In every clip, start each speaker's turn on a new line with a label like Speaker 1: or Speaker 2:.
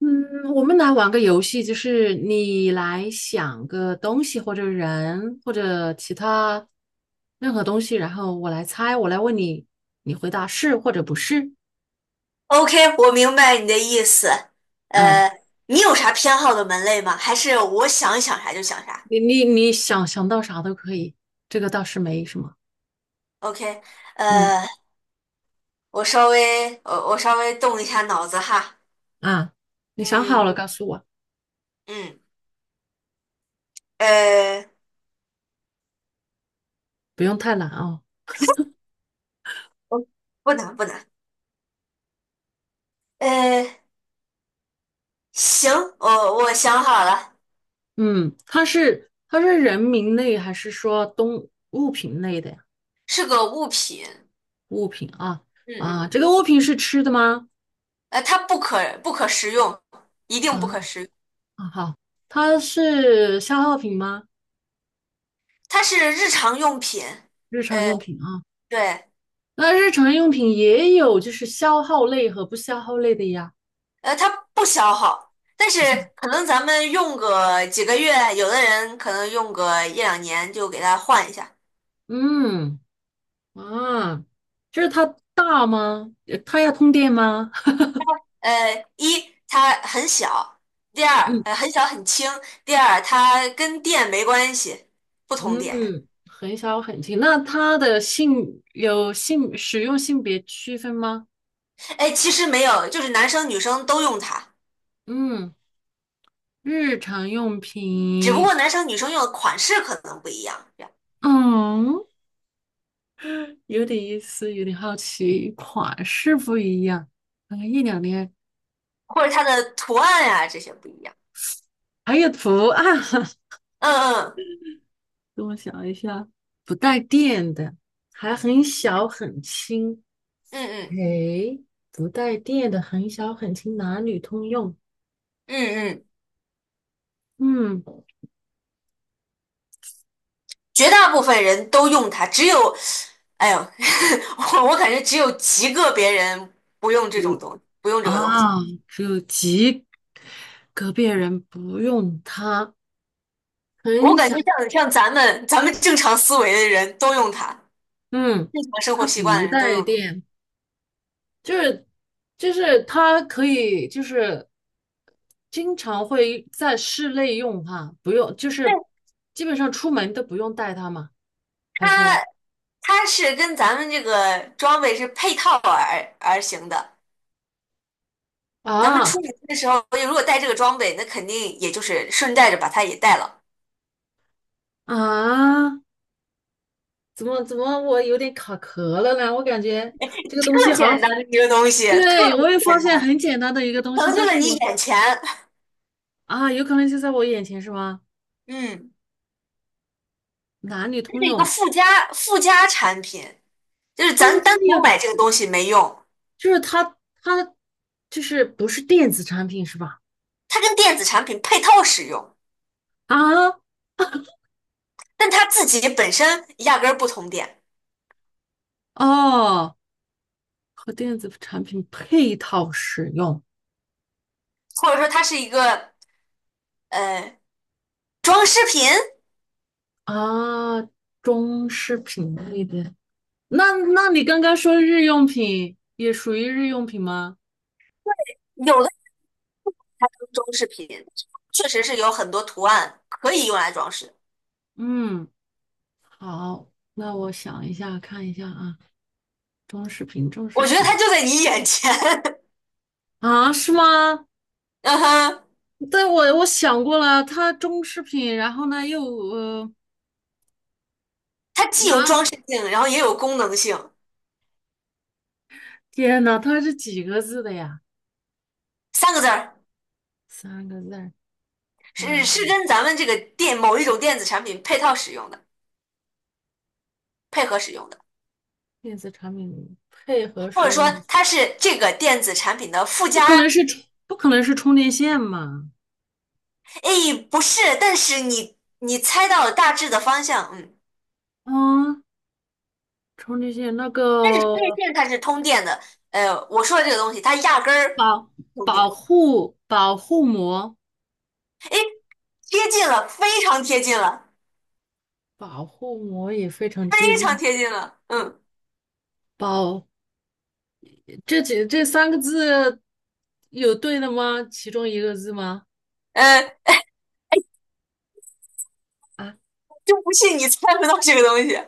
Speaker 1: 嗯，我们来玩个游戏，就是你来想个东西或者人或者其他任何东西，然后我来猜，我来问你，你回答是或者不是。
Speaker 2: OK，我明白你的意思。
Speaker 1: 嗯，
Speaker 2: 你有啥偏好的门类吗？还是我想想啥就想啥
Speaker 1: 你想到啥都可以，这个倒是没什么。
Speaker 2: ？OK，
Speaker 1: 嗯
Speaker 2: 呃，我稍微动一下脑子哈。
Speaker 1: 啊，你想好
Speaker 2: 嗯
Speaker 1: 了告诉我，
Speaker 2: 嗯，呃，
Speaker 1: 不用太难哦。
Speaker 2: 我不难不难。呃，行，我想好了，
Speaker 1: 嗯，它是人名类还是说动物品类的呀？
Speaker 2: 是个物品。
Speaker 1: 物品啊
Speaker 2: 嗯嗯，
Speaker 1: 啊，这个物品是吃的吗？
Speaker 2: 它不可食用，一定不
Speaker 1: 啊。
Speaker 2: 可食用。
Speaker 1: 啊，好，它是消耗品吗？
Speaker 2: 它是日常用品。
Speaker 1: 日常
Speaker 2: 呃，
Speaker 1: 用品啊，
Speaker 2: 对。
Speaker 1: 那日常用品也有就是消耗类和不消耗类的呀。
Speaker 2: 它不消耗，但是
Speaker 1: 不像，
Speaker 2: 可能咱们用个几个月，有的人可能用个一两年就给它换一下。
Speaker 1: 嗯，啊，就是它大吗？它要通电吗？
Speaker 2: 一它很小，第二
Speaker 1: 嗯
Speaker 2: 很小很轻，第二它跟电没关系，不通电。
Speaker 1: 嗯，很小很轻。那它的性有性使用性别区分吗？
Speaker 2: 哎，其实没有，就是男生女生都用它，
Speaker 1: 嗯，日常用
Speaker 2: 只不
Speaker 1: 品，
Speaker 2: 过男生女生用的款式可能不一样，这样
Speaker 1: 嗯，有点意思，有点好奇，款式不一样，可能一两年。
Speaker 2: 或者它的图案呀、这些不一样。
Speaker 1: 还有图案，
Speaker 2: 嗯
Speaker 1: 等我想一下，还很小很轻。
Speaker 2: 嗯嗯
Speaker 1: 诶，不带电的很小很轻，男女通用。
Speaker 2: 嗯嗯嗯嗯。
Speaker 1: 嗯，
Speaker 2: 绝大部分人都用它，只有，哎呦，我感觉只有极个别人不用这种东西，不用这
Speaker 1: 嗯
Speaker 2: 个东西。
Speaker 1: 啊，只有极个别人不用它，
Speaker 2: 我
Speaker 1: 很
Speaker 2: 感
Speaker 1: 小。
Speaker 2: 觉像咱们正常思维的人都用它，
Speaker 1: 嗯，
Speaker 2: 正常生活
Speaker 1: 它
Speaker 2: 习惯
Speaker 1: 不
Speaker 2: 的人都
Speaker 1: 带
Speaker 2: 用它。
Speaker 1: 电，就是就是它可以就是经常会在室内用哈，不用就
Speaker 2: 对，
Speaker 1: 是基本上出门都不用带它嘛。他说。
Speaker 2: 它它是跟咱们这个装备是配套而行的。咱们
Speaker 1: 啊
Speaker 2: 出门的时候，如果带这个装备，那肯定也就是顺带着把它也带了。
Speaker 1: 啊！怎么我有点卡壳了呢？我感觉这个东西
Speaker 2: 特
Speaker 1: 好像，
Speaker 2: 简单的一个东西，特
Speaker 1: 对，
Speaker 2: 别
Speaker 1: 我也发
Speaker 2: 简
Speaker 1: 现
Speaker 2: 单，
Speaker 1: 很简单的一个东西，
Speaker 2: 成就
Speaker 1: 但
Speaker 2: 了
Speaker 1: 是
Speaker 2: 你
Speaker 1: 我
Speaker 2: 眼前。
Speaker 1: 啊，有可能就在我眼前是吗？
Speaker 2: 嗯。
Speaker 1: 男女通
Speaker 2: 是一个
Speaker 1: 用，
Speaker 2: 附加产品，就是
Speaker 1: 但是
Speaker 2: 咱
Speaker 1: 它
Speaker 2: 单独
Speaker 1: 也
Speaker 2: 买这个东西没用，
Speaker 1: 就是它就是不是电子产品是吧？
Speaker 2: 它跟电子产品配套使用，
Speaker 1: 啊
Speaker 2: 但它自己本身压根儿不通电，
Speaker 1: 哦，和电子产品配套使用
Speaker 2: 或者说它是一个呃装饰品，
Speaker 1: 啊，中饰品类的。那那你刚刚说日用品也属于日用品吗？
Speaker 2: 有的它是装饰品，确实是有很多图案可以用来装饰，
Speaker 1: 嗯。好，那我想一下，看一下啊，装饰品，装饰
Speaker 2: 我觉得它
Speaker 1: 品
Speaker 2: 就在你眼前，
Speaker 1: 啊，是吗？
Speaker 2: 嗯哼，
Speaker 1: 对，我想过了，它装饰品，然后呢又
Speaker 2: 它既
Speaker 1: 拿，
Speaker 2: 有装饰性，然后也有功能性，
Speaker 1: 天呐，它是几个字的呀？
Speaker 2: 三个字儿
Speaker 1: 三个字儿，
Speaker 2: 是
Speaker 1: 呃，
Speaker 2: 跟咱们这个某一种电子产品配套使用的，配合使用的。
Speaker 1: 电子产品配合
Speaker 2: 或
Speaker 1: 使
Speaker 2: 者说
Speaker 1: 用的，
Speaker 2: 它是这个电子产品的附加？
Speaker 1: 不可能是充电线嘛？
Speaker 2: 诶，不是，但是你猜到了大致的方向，嗯，
Speaker 1: 嗯，充电线那
Speaker 2: 但是充电
Speaker 1: 个
Speaker 2: 线它是通电的，我说的这个东西它压根儿
Speaker 1: 保
Speaker 2: 通电，
Speaker 1: 保护膜，
Speaker 2: 诶，贴近了，非常贴近了，
Speaker 1: 保护膜也非常接
Speaker 2: 非常
Speaker 1: 近，
Speaker 2: 贴近了，嗯，
Speaker 1: 保这几这三个字有对的吗？其中一个字吗？
Speaker 2: 呃，
Speaker 1: 啊，
Speaker 2: 就不信你猜不到这个东西，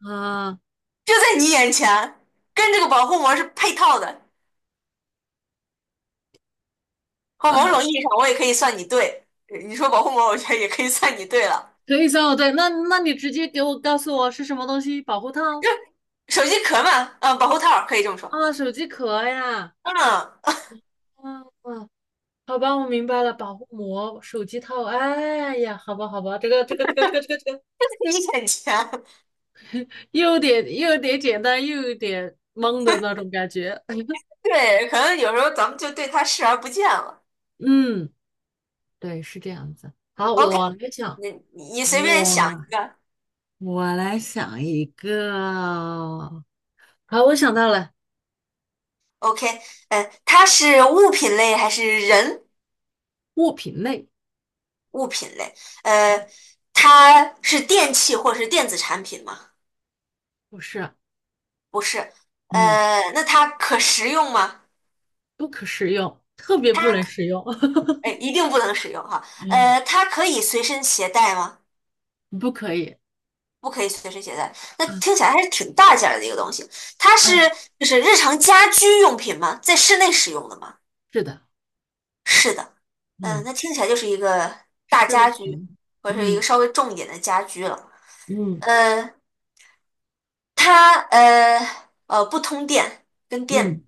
Speaker 1: 啊，
Speaker 2: 就在你眼前，跟这个保护膜是配套的，或某种意义上我也可以算你对，你说保护膜，我觉得也可以算你对了，
Speaker 1: 可以算我对。那那你直接给我告诉我是什么东西？保护套
Speaker 2: 手机壳嘛，嗯，保护套儿可以这么说，
Speaker 1: 啊，手机壳呀。
Speaker 2: 嗯。
Speaker 1: 啊，好吧，我明白了，保护膜、手机套。哎呀，好吧，好吧，这个，
Speaker 2: 你眼前
Speaker 1: 又有点简单，又有点懵的那种感觉。
Speaker 2: 对，可能有时候咱们就对他视而不见了。
Speaker 1: 嗯，对，是这样子。好，
Speaker 2: OK，
Speaker 1: 我来想，
Speaker 2: 你随便想
Speaker 1: 我
Speaker 2: 一个。
Speaker 1: 我来想一个。好，我想到了
Speaker 2: OK，它是物品类还是
Speaker 1: 物品类，
Speaker 2: 物品类？呃，它是电器或是电子产品吗？
Speaker 1: 不是，
Speaker 2: 不是。
Speaker 1: 嗯，
Speaker 2: 那它可食用吗？
Speaker 1: 不可食用，特别不能食用，
Speaker 2: 哎，一定不能使用哈。
Speaker 1: 嗯，
Speaker 2: 它可以随身携带吗？
Speaker 1: 不可以，
Speaker 2: 不可以随身携带。那
Speaker 1: 嗯
Speaker 2: 听起来还是挺大件儿的一个东西。它
Speaker 1: 嗯，
Speaker 2: 是就是日常家居用品吗？在室内使用的吗？
Speaker 1: 是的，
Speaker 2: 是的，嗯，
Speaker 1: 嗯，
Speaker 2: 那听起来就是一个大
Speaker 1: 是类
Speaker 2: 家居，
Speaker 1: 型，
Speaker 2: 或者是一个
Speaker 1: 嗯
Speaker 2: 稍微重一点的家居了。
Speaker 1: 嗯
Speaker 2: 呃，它不通电，跟电
Speaker 1: 嗯，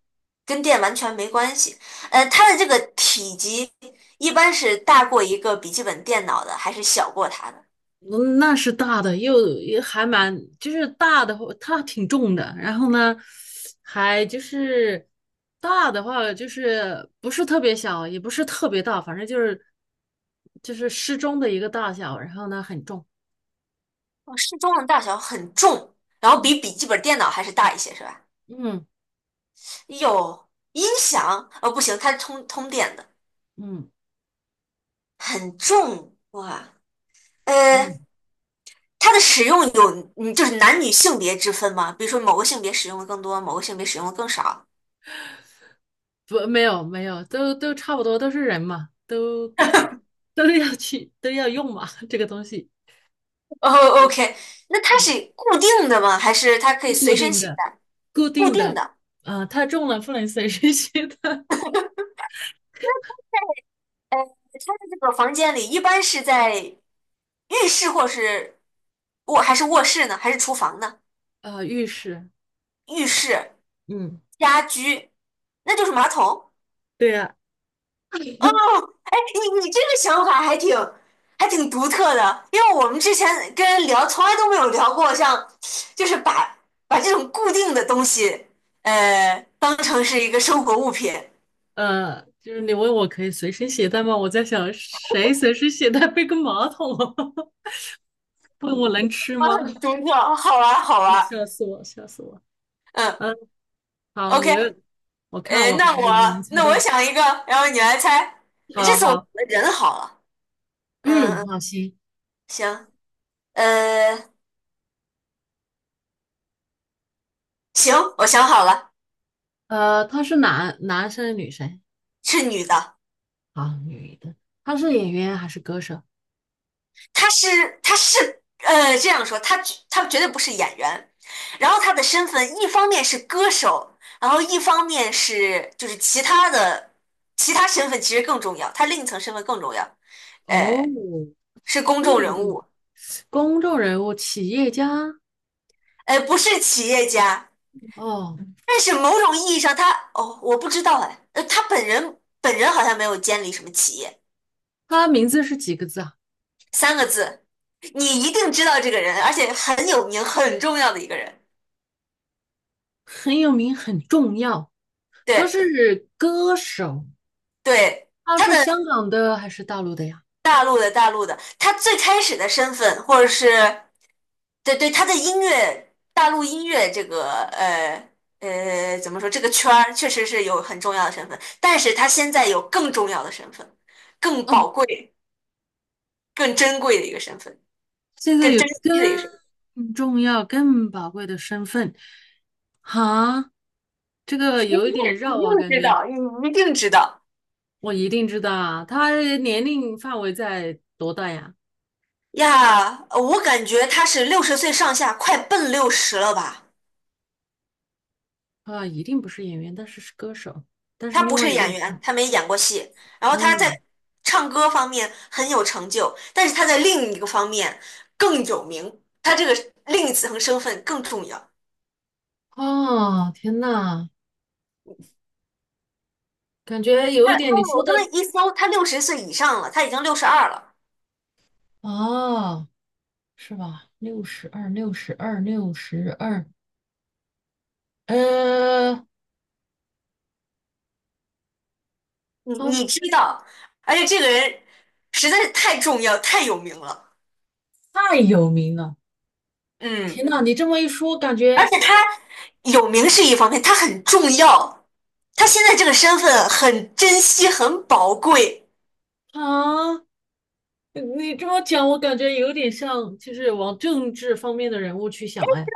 Speaker 2: 跟电完全没关系。它的这个体积一般是大过一个笔记本电脑的，还是小过它的？
Speaker 1: 嗯那是大的，又也还蛮，就是大的话，它挺重的，然后呢，还就是大的话，就是不是特别小，也不是特别大，反正就是适中的一个大小，然后呢，很重，
Speaker 2: 哦，适中的大小很重，然后比
Speaker 1: 嗯
Speaker 2: 笔记本电脑还是大一些，是吧？
Speaker 1: 嗯
Speaker 2: 有音响？哦，不行，它是通电的，
Speaker 1: 嗯。
Speaker 2: 很重哇。呃，
Speaker 1: 嗯，
Speaker 2: 它的使用有就是男女性别之分吗？比如说某个性别使用的更多，某个性别使用的更少。
Speaker 1: 不，没有没有，都差不多，都是人嘛，都要去都要用嘛，这个东西
Speaker 2: 哦，OK，那它
Speaker 1: 啊，
Speaker 2: 是固定的吗？还是它可
Speaker 1: 是
Speaker 2: 以
Speaker 1: 固
Speaker 2: 随身
Speaker 1: 定
Speaker 2: 携
Speaker 1: 的，
Speaker 2: 带？
Speaker 1: 固
Speaker 2: 固
Speaker 1: 定
Speaker 2: 定
Speaker 1: 的，
Speaker 2: 的。
Speaker 1: 啊，太重了不能随身携带
Speaker 2: 它的这个房间里一般是在浴室或是卧室呢？还是厨房呢？
Speaker 1: 啊，浴室，
Speaker 2: 浴室、
Speaker 1: 嗯，
Speaker 2: 家居，那就是马桶。
Speaker 1: 对呀、
Speaker 2: 哦，哎，你这个想法还挺独特的，因为我们之前跟人聊，从来都没有聊过像，就是把这种固定的东西，当成是一个生活物品。
Speaker 1: 就是你问我可以随身携带吗？我在想谁随身携带背个马桶啊 问我能吃
Speaker 2: 啊，
Speaker 1: 吗？
Speaker 2: 很独特，好玩 好玩
Speaker 1: 笑死我，笑死我。
Speaker 2: 嗯
Speaker 1: 嗯，好，
Speaker 2: ，OK，
Speaker 1: 我看我还
Speaker 2: 那
Speaker 1: 能不能
Speaker 2: 我
Speaker 1: 猜
Speaker 2: 那我
Speaker 1: 到？
Speaker 2: 想一个，然后你来猜。这
Speaker 1: 好
Speaker 2: 次我想
Speaker 1: 好，
Speaker 2: 的人好了，嗯，
Speaker 1: 嗯，
Speaker 2: 嗯
Speaker 1: 好，行。
Speaker 2: 行，呃，行，我想好了，
Speaker 1: 他是生女生
Speaker 2: 是女的。
Speaker 1: 啊，女的，他是演员还是歌手？
Speaker 2: 他是他是呃这样说，他绝对不是演员，然后他的身份一方面是歌手，然后一方面就是其他身份其实更重要，他另一层身份更重要，
Speaker 1: 哦，
Speaker 2: 呃，是公众
Speaker 1: 这
Speaker 2: 人
Speaker 1: 个
Speaker 2: 物，
Speaker 1: 公众人物、企业家
Speaker 2: 不是企业家，
Speaker 1: 哦，
Speaker 2: 但是某种意义上他我不知道哎，他本人好像没有监理什么企业，
Speaker 1: 他名字是几个字啊？
Speaker 2: 三个字，你一定知道这个人，而且很有名很重要的一个人，
Speaker 1: 很有名，很重要。他
Speaker 2: 对
Speaker 1: 是歌手，
Speaker 2: 对。
Speaker 1: 他
Speaker 2: 他
Speaker 1: 是
Speaker 2: 的
Speaker 1: 香港的还是大陆的呀？
Speaker 2: 大陆的大陆的，他最开始的身份，或者是对对他的音乐，大陆音乐这个怎么说这个圈儿，确实是有很重要的身份，但是他现在有更重要的身份，更
Speaker 1: 哦，
Speaker 2: 宝贵、更珍贵的一个身份，
Speaker 1: 现在
Speaker 2: 更
Speaker 1: 有
Speaker 2: 珍惜的一个身份，
Speaker 1: 更重要、更宝贵的身份，哈，这个有一点
Speaker 2: 你一
Speaker 1: 绕啊，
Speaker 2: 定
Speaker 1: 感
Speaker 2: 知
Speaker 1: 觉
Speaker 2: 道，你一定知道
Speaker 1: 我一定知道啊。他年龄范围在多大呀？
Speaker 2: 呀！我感觉他是六十岁上下，快奔六十了吧。
Speaker 1: 啊，一定不是演员，但是是歌手，但是
Speaker 2: 他
Speaker 1: 另
Speaker 2: 不
Speaker 1: 外
Speaker 2: 是
Speaker 1: 一个，
Speaker 2: 演员，他没演过戏。然后他
Speaker 1: 嗯，
Speaker 2: 在唱歌方面很有成就，但是他在另一个方面更有名，他这个另一层身份更重要。
Speaker 1: 哦，天呐，感觉有
Speaker 2: 他
Speaker 1: 一点你说
Speaker 2: 我刚才
Speaker 1: 的
Speaker 2: 一搜，他六十岁以上了，他已经62了。
Speaker 1: 啊，是吧？六十二，六十二，六十二，呃，
Speaker 2: 你
Speaker 1: 他
Speaker 2: 你知道，而且这个人实在是太重要、太有名了。
Speaker 1: 太有名了。
Speaker 2: 嗯，
Speaker 1: 天呐，你这么一说，感
Speaker 2: 而
Speaker 1: 觉
Speaker 2: 且他有名是一方面，他很重要，他现在这个身份很珍惜、很宝贵。
Speaker 1: 啊，你这么讲，我感觉有点像，就是往政治方面的人物去想，哎，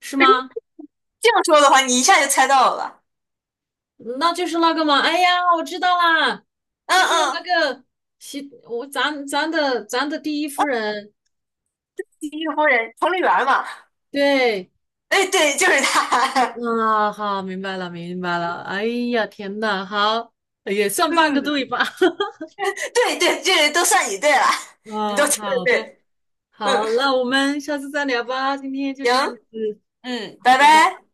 Speaker 1: 是吗？
Speaker 2: 这样说的话，你一下就猜到了吧？
Speaker 1: 那就是那个嘛，哎呀，我知道啦，
Speaker 2: 嗯
Speaker 1: 就是那
Speaker 2: 嗯。
Speaker 1: 个习，我咱的第一夫人，
Speaker 2: 西域夫人彭丽媛嘛，
Speaker 1: 对，
Speaker 2: 哎，对，就是她，
Speaker 1: 啊，好，明白了，明白了，哎呀，天呐，好，也 算半个
Speaker 2: 嗯，
Speaker 1: 对吧？
Speaker 2: 对对，这都算你对了，你都
Speaker 1: 啊，
Speaker 2: 对
Speaker 1: 好的，
Speaker 2: 对，嗯，
Speaker 1: 好，那我们下次再聊吧，今天就
Speaker 2: 行，
Speaker 1: 这样子，
Speaker 2: 嗯，
Speaker 1: 好，
Speaker 2: 拜
Speaker 1: 拜拜。
Speaker 2: 拜。